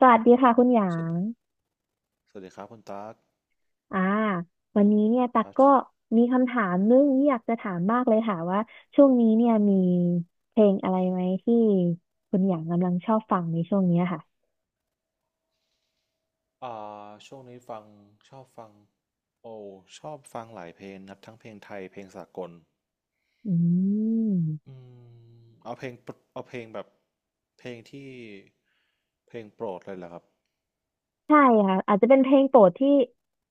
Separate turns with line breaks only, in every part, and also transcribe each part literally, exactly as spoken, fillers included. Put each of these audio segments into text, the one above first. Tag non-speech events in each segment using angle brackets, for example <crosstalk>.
สวัสดีค่ะคุณหยา
สวัส
ง
สวัสดีครับคุณตั๊ก
อ่าวันนี้เนี่ยตั
ค
ก
รับ
ก็มีคำถามนึงที่อยากจะถามมากเลยค่ะว่าช่วงนี้เนี่ยมีเพลงอะไรไหมที่คุณหยางกำลังชอบฟังในช่วงเนี้ยค่ะ
อ่าช่วงนี้ฟังชอบฟังโอชอบฟังหลายเพลงนะครับทั้งเพลงไทยเพลงสากล
อืม
อืมเอาเพลงปรเอาเพลงแบบเพลงที่เพลงโปรดเลยเหรอครับ
ใช่ค่ะอาจจะเป็นเพลงโปรดที่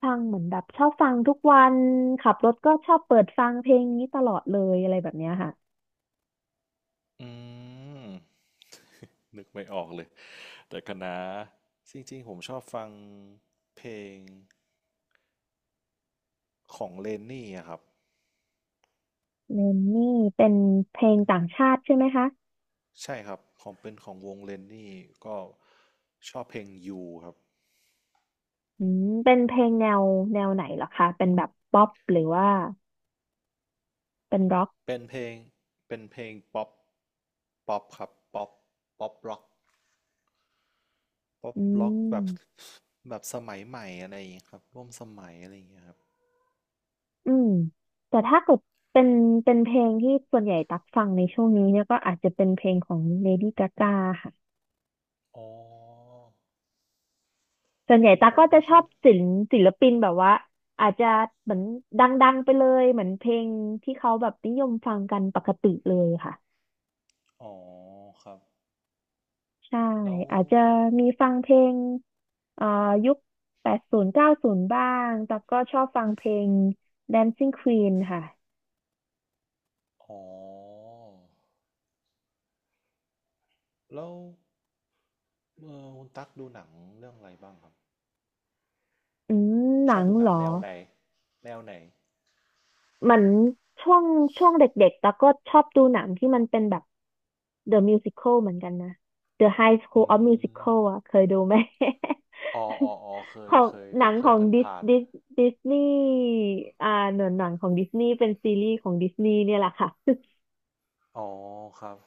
ฟังเหมือนแบบชอบฟังทุกวันขับรถก็ชอบเปิดฟังเพลงนี้ตลอดเลยอะไรแบบเนี้ยค่ะ
อืมนึกไม่ออกเลยแต่คณะจริงๆผมชอบฟังเพลงของเลนนี่อะครับ
เลนนี่เป็นเพลงต่างชาติใช่ไหมคะ
ใช่ครับของเป็นของวงเลนนี่ก็ชอบเพลงยูครับ
อืมเป็นเพลงแนวแนวไหนเหรอคะเป็นแบบป๊อปหรือว่าเป็นร็อก
เป็นเพลงเป็นเพลงป๊อปป๊อปครับป๊อปป๊อปร็อกป๊อป
อื
ร็อกแบบ
ม
แบบสมัยใหม่อะไรอย่างเงี้ยครับร่วมสมัยอะไรอย่างเงี้ยครับ
อืม แต่ถ้าเกิดเป็นเป็นเพลงที่ส่วนใหญ่ตักฟังในช่วงนี้เนี่ยก็อาจจะเป็นเพลงของ Lady Gaga ค่ะ
อ๋อ
ส่วนใหญ่
คือ
ตั
ผ
ก
ม
ก็จะ
ไม่
ช
ค่
อ
อย
บศิลปศิลปินแบบว่าอาจจะเหมือนดังๆไปเลยเหมือนเพลงที่เขาแบบนิยมฟังกันปกติเลยค่ะ
อ๋อครับ
ใช่
แล้ว
อาจจะมีฟังเพลงเอ่อยุคแปดศูนย์เก้าศูนย์บ้างแต่ก็ชอบฟังเพลง Dancing Queen ค่ะ
อ๋อแล้วเออคุณตั๊กดูหนังเรื่องอะไรบ้างครับ
อืม ห
ช
นั
อบ
ง
ดูห
เห
นั
ร
ง
อ
แนวไหนแนวไหน
เหมือนช่วงช่วงเด็กๆแล้วก็ชอบดูหนังที่มันเป็นแบบ The Musical เหมือนกันนะ The High
อื
School of
ม
Musical อ่ะเคยดูไหม
อ๋ออ๋ออ๋อเค
<laughs> ข
ย
อง
เคย
หนัง
เค
ข
ย
อง
ผ่าน
ดิส
ผ่าน
ดิสดิสนีย์อ่าหนังหนังของดิสนีย์เป็นซีรีส์ของดิสนีย์เนี่ยแหละค่ะ <laughs>
อ๋อครับ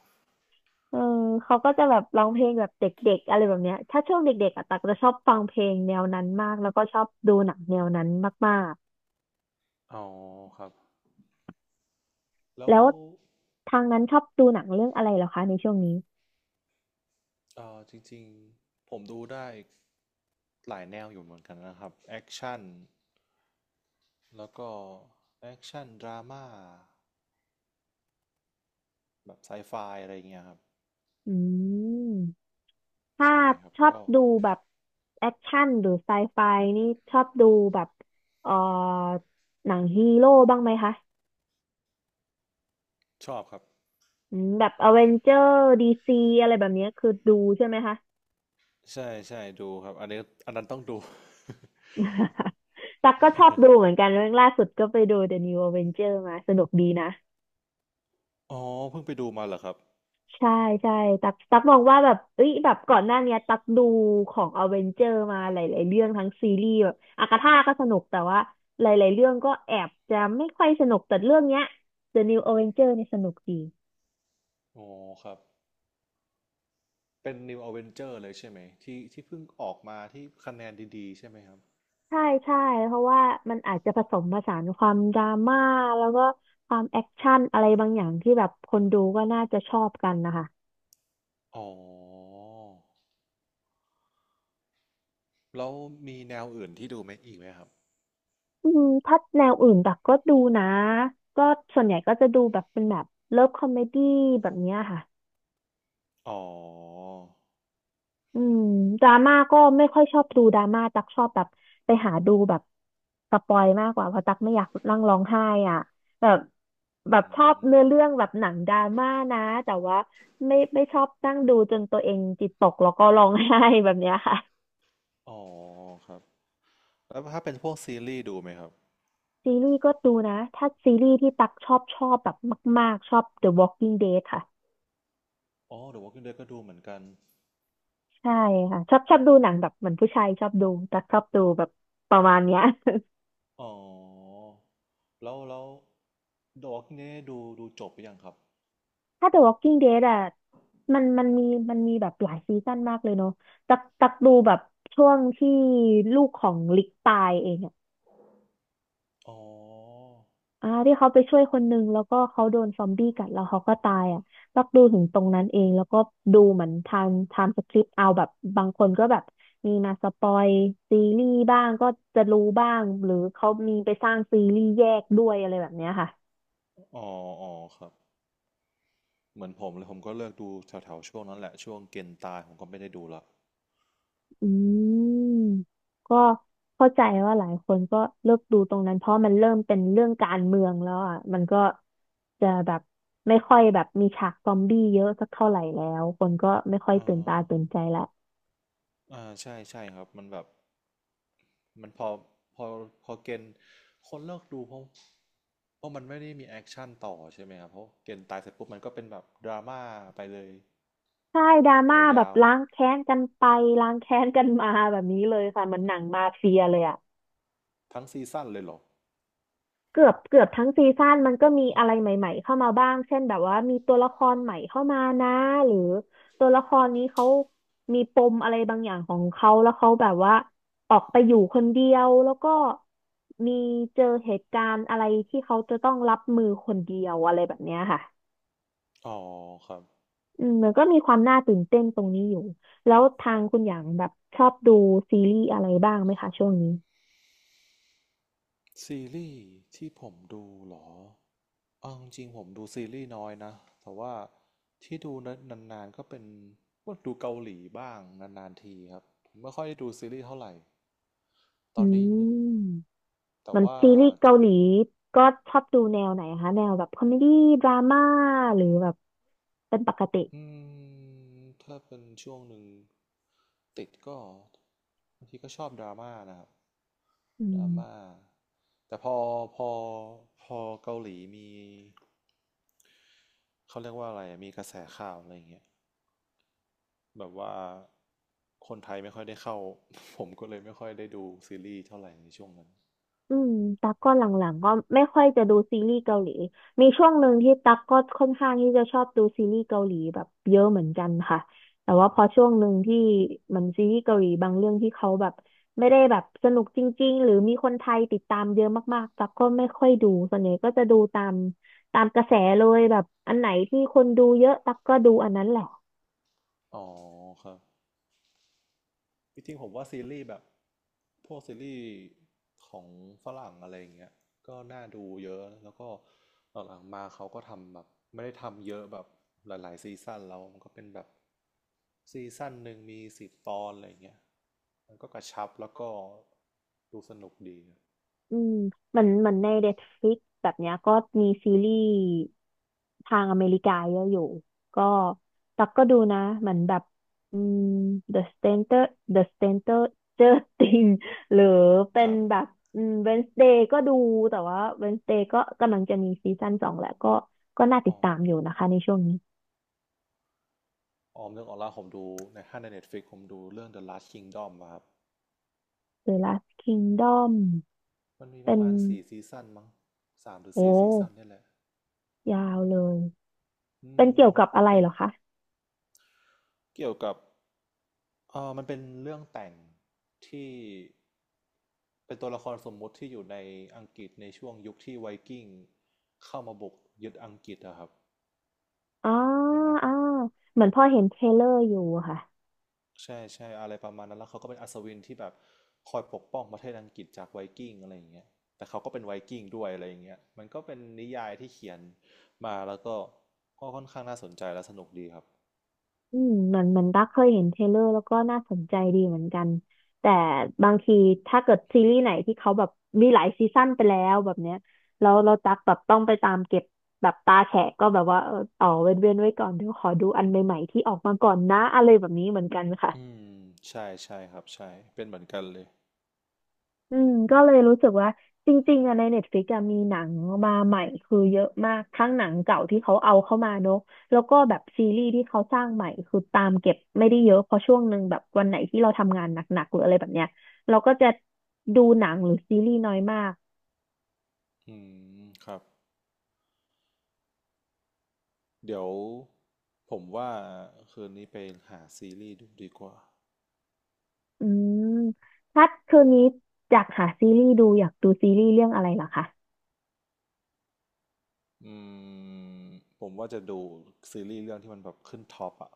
เออเขาก็จะแบบร้องเพลงแบบเด็กๆอะไรแบบเนี้ยถ้าช่วงเด็กๆอะตักจะชอบฟังเพลงแนวนั้นมากแล้วก็ชอบดูหนังแนวนั้นมาก
อ๋อครับ
ๆ
แล้ว
แล้วทางนั้นชอบดูหนังเรื่องอะไรเหรอคะในช่วงนี้
เอ่อจริงๆผมดูได้หลายแนวอยู่เหมือนกันนะครับแอคชั่นแล้วก็แอคชั่นดราม่าแบบไซไฟอะไรเงี้ยครับ
อืมถ้า
ใช่ครับ
ชอบ
ก็
ดูแบบแอคชั่นหรือไซไฟนี่ชอบดูแบบเอ่อหนังฮีโร่บ้างไหมคะ
ชอบครับ
อืมแบบอเวนเจอร์ดีซีอะไรแบบเนี้ยคือดูใช่ไหมคะ
ใช่ใช่ดูครับอันนี้อันนั้นต้องดู
<laughs> ตักก็ชอบดูเหมือนกันเรื่องล่าสุดก็ไปดู The New Avenger มาสนุกดีนะ
<laughs> อ๋อเพิ่งไปดูมาเหรอครับ
ใช่ใช่ตักตักมองว่าแบบเอ้ยแบบก่อนหน้าเนี้ยตักดูของอเวนเจอร์มาหลายๆเรื่องทั้งซีรีส์แบบอากาธาก็สนุกแต่ว่าหลายๆเรื่องก็แอบจะไม่ค่อยสนุกแต่เรื่องเนี้ย The New Avenger เนี่ยสนุกดี
อ๋อครับเป็น New Avenger เลยใช่ไหมที่ที่เพิ่งออกมาที่คะแนนดีๆใช่ไหมครับ
ใช่ใช่เพราะว่ามันอาจจะผสมผสานความดราม่าแล้วก็ความแอคชั่นอะไรบางอย่างที่แบบคนดูก็น่าจะชอบกันนะคะ
อ๋อแล้วมีแนวอื่นที่ดูไหมอีกไหมครับ
อืมถ้าแนวอื่นตักก็ดูนะก็ส่วนใหญ่ก็จะดูแบบเป็นแบบเลิฟคอมเมดี้แบบเนี้ยค่ะ
อ๋อ
อืมดราม่าก็ไม่ค่อยชอบดูดราม่าตักชอบแบบไปหาดูแบบสปอยมากกว่าเพราะตักไม่อยากนั่งร้องไห้อ่ะแบบแบ
อื
บชอบ
ม
เนื้อเรื่องแบบหนังดราม่านะแต่ว่าไม่ไม่ชอบนั่งดูจนตัวเองจิตตกแล้วก็ร้องไห้แบบเนี้ยค่ะ
อ๋อครับ แล้วถ้าเป็นพวกซีรีส์ดูไหมครับ
ซีรีส์ก็ดูนะถ้าซีรีส์ที่ตักชอบชอบแบบมากๆชอบ The Walking Dead ค่ะ
อ๋อ The Walking Dead ก็ดูเหมือนกัน
ใช่ค่ะชอบชอบดูหนังแบบเหมือนผู้ชายชอบดูตักชอบดูแบบประมาณเนี้ย
อ๋อ แล้วแล้ว The Walking Dead ดูดูจบไปยังครับ
ถ้า The Walking Dead อ่ะมันมันมีมันมีแบบหลายซีซั่นมากเลยเนาะตักตักดูแบบช่วงที่ลูกของลิกตายเองอ่ะ
อ๋อ
อ่าที่เขาไปช่วยคนนึงแล้วก็เขาโดนซอมบี้กัดแล้วเขาก็ตายอ่ะตักดูถึงตรงนั้นเองแล้วก็ดูเหมือนทางไทำสคริปต์เอาแบบบางคนก็แบบมีมาสปอยซีรีส์บ้างก็จะรู้บ้างหรือเขามีไปสร้างซีรีส์แยกด้วยอะไรแบบเนี้ยค่ะ
อ๋อ อ๋อครับ เหมือนผมเลยผมก็เลิกดูแถวๆช่วงนั้นแหละช่วงเกณฑ์ตายผมก็ไม่ได้ดูละ
อืมก็เข้าใจว่าหลายคนก็เลิกดูตรงนั้นเพราะมันเริ่มเป็นเรื่องการเมืองแล้วอ่ะมันก็จะแบบไม่ค่อยแบบมีฉากซอมบี้เยอะสักเท่าไหร่แล้วคนก็ไม่ค่อย
อ่า
ตื่นตาตื่นใจละ
อ่าใช่ใช่ครับมันแบบมันพอพอพอเกณฑ์คนเลิกดูเพราะเพราะมันไม่ได้มีแอคชั่นต่อใช่ไหมครับเพราะเกณฑ์ตายเสร็จปุ๊บมันก็เป็นแบบดราม่าไปเลย
ใช่ดราม่าแบ
ยา
บ
ว
ล้างแค้นกันไปล้างแค้นกันมาแบบนี้เลยค่ะเหมือนหนังมาเฟียเลยอ่ะ
ๆทั้งซีซั่นเลยเหรอ
เกือบเกือบทั้งซีซั่นมันก็มีอะไรใหม่ๆเข้ามาบ้างเช่นแบบว่ามีตัวละครใหม่เข้ามานะหรือตัวละครนี้เขามีปมอะไรบางอย่างของเขาแล้วเขาแบบว่าออกไปอยู่คนเดียวแล้วก็มีเจอเหตุการณ์อะไรที่เขาจะต้องรับมือคนเดียวอะไรแบบเนี้ยค่ะ
อ๋อครับ
อืมมันก็มีความน่าตื่นเต้นตรงนี้อยู่แล้วทางคุณอย่างแบบชอบดูซีรีส์อะไรบ้างไหมคะช่วงนี้
ซีรีส์ที่ผมดูเหรอเอาจริงๆผมดูซีรีส์น้อยนะแต่ว่าที่ดูนานๆก็เป็นพวกดูเกาหลีบ้างนานๆทีครับผมไม่ค่อยได้ดูซีรีส์เท่าไหร่ต
อื
อนนี้
ม
นึกแต่
เหมัน
ว่า
ซีรีส์เกา
จะ
หลีก็ชอบดูแนวไหนคะแนวแบบคอมเมดี้ดราม่าหรือแบบเป็นปกติ
อืมถ้าเป็นช่วงหนึ่งติดก็บางทีก็ชอบดราม่านะครับ
อื
ดราม่า
ม
แต่พอพอพอเกาหลีมีเขาเรียกว่าอะไรอะมีกระแสข่าวอะไรอย่างเงี้ยแบบว่าคนไทยไม่ค่อยได้เข้า <laughs> ผมก็เลยไม่ค่อยได้ดูซีรีส์เท่าไหร่ในช่วงนั้น
อืมตั๊กก็หลังๆก็ไม่ค่อยจะดูซีรีส์เกาหลีมีช่วงหนึ่งที่ตั๊กก็ค่อนข้างที่จะชอบดูซีรีส์เกาหลีแบบเยอะเหมือนกันค่ะแต่ว่าพอช่วงหนึ่งที่มันซีรีส์เกาหลีบางเรื่องที่เขาแบบไม่ได้แบบสนุกจริงๆหรือมีคนไทยติดตามเยอะมากๆตั๊กก็ไม่ค่อยดูส่วนใหญ่ก็จะดูตามตามกระแสเลยแบบอันไหนที่คนดูเยอะตั๊กก็ดูอันนั้นแหละ
อ๋อครับ จริงๆผมว่าซีรีส์แบบพวกซีรีส์ของฝรั่งอะไรอย่างเงี้ยก็น่าดูเยอะแล้วก็หลังๆมาเขาก็ทำแบบไม่ได้ทำเยอะแบบหลายๆซีซั่นแล้วมันก็เป็นแบบซีซั่นหนึ่งมีสิบตอนอะไรอย่างเงี้ยมันก็กระชับแล้วก็ดูสนุกดี
อืมเหมือนเหมือนใน เอ็น อี ที เอฟ แอล ไอ เอ็กซ์ แบบเนี้ยก็มีซีรีส์ทางอเมริกาเยอะอยู่ก็ตักก็ดูนะเหมือนแบบอืม The Stranger The Stranger Things หรือเป็
ค
น
รับ
แบบอืม Wednesday ก็ดูแต่ว่า Wednesday ก็กำลังจะมีซีซั่นสองแหละก็ก็น่าติ
อ๋
ด
อ
ตามอยู่นะคะในช่วงนี้
ออมเรื่องออนไลน์ผมดูในถ้าใน Netflix ผมดูเรื่อง The Last Kingdom อะครับ
The Last Kingdom
มันมีป
เป็
ระ
น
มาณสี่ซีซั่นมั้งสามหรือ
โอ้
สี่ซีซั่นนี่แหละ
ยาวเลย
อื
เป็นเกี่ย
ม
วกับอะไร
เป็น
เหรอคะ
เกี่ยวกับเออมันเป็นเรื่องแต่งที่เป็นตัวละครสมมุติที่อยู่ในอังกฤษในช่วงยุคที่ไวกิ้งเข้ามาบุกยึดอังกฤษอะครับ
อ๋อ
เป็นหนัง
อ๋อเหมือนพ่อเห็นเทรลเลอร์อยู่อะค่ะ
ใช่ใช่อะไรประมาณนั้นแล้วเขาก็เป็นอัศวินที่แบบคอยปกป้องประเทศอังกฤษจากไวกิ้งอะไรอย่างเงี้ยแต่เขาก็เป็นไวกิ้งด้วยอะไรอย่างเงี้ยมันก็เป็นนิยายที่เขียนมาแล้วก็ก็ค่อนข้างน่าสนใจและสนุกดีครับ
อืมเหมือนเหมือนตักเคยเห็นเทรลเลอร์แล้วก็น่าสนใจดีเหมือนกัน แต่บางทีถ้าเกิดซีรีส์ไหนที่เขาแบบมีหลายซีซั่นไปแล้วแบบเนี้ยแล้วเราตักแบบต้องไปตามเก็บแบบตาแฉะก็แบบว่าเอออ๋อเว้นเว้นไว้ก่อนเดี๋ยวขอดูอันใหม่ๆที่ออกมาก่อนนะอะไรแบบนี้เหมือนกันค่ะ
อืมใช่ใช่ครับใช่เป็นเหมือนกันเลย
อืมก็เลยรู้สึกว่าจริงๆอะในเน็ตฟ i ิกอะมีหนังมาใหม่คือเยอะมากทั้งหนังเก่าที่เขาเอาเข้ามาเนอะแล้วก็แบบซีรีส์ที่เขาสร้างใหม่คือตามเก็บไม่ได้เยอะเพราะช่วงหนึ่งแบบวันไหนที่เราทำงานหนักๆหรืออะไรแบบเนี้ยเราก็จะดูหนังหรือซีรีส์น้อยมาก
อืมครับ เดี๋ยวผมว่าคืนนี้ไปหาซีรีส์ดูดีกว่า
อืมถ้าคืนนี้อยากหาซีรีส์ดูอยากดูซีรีส์เรื่องอะไรเหรอคะ
อืม ผมว่าจะดูซีรีส์เรื่องที่มันแบบขึ้นท็อปอะ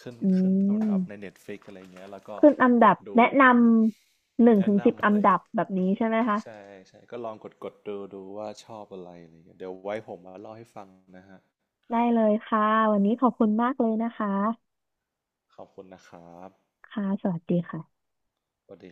ขึ้น
อื
ขึ้นอันดับใน
ม
Netflix อะไรเงี้ยแล้วก็
ขึ้นอัน
ก
ดั
ด
บ
ดู
แนะนำหนึ่ง
แนะ
ถึงสิบ
นำ
อั
อะ
น
ไร
ดับ
เงี้ย
แบบนี้ใช่ไหมคะ
ใช่ใช่ก็ลองกดกดดูดูว่าชอบอะไรอะไรเงี้ยเดี๋ยวไว้ผมมาเล่าให้ฟังนะฮะ
ได้เลยค่ะ วันนี้ขอบคุณมากเลยนะคะ
ขอบคุณนะครับ
ค่ะสวัสดีค่ะ
สวัสดี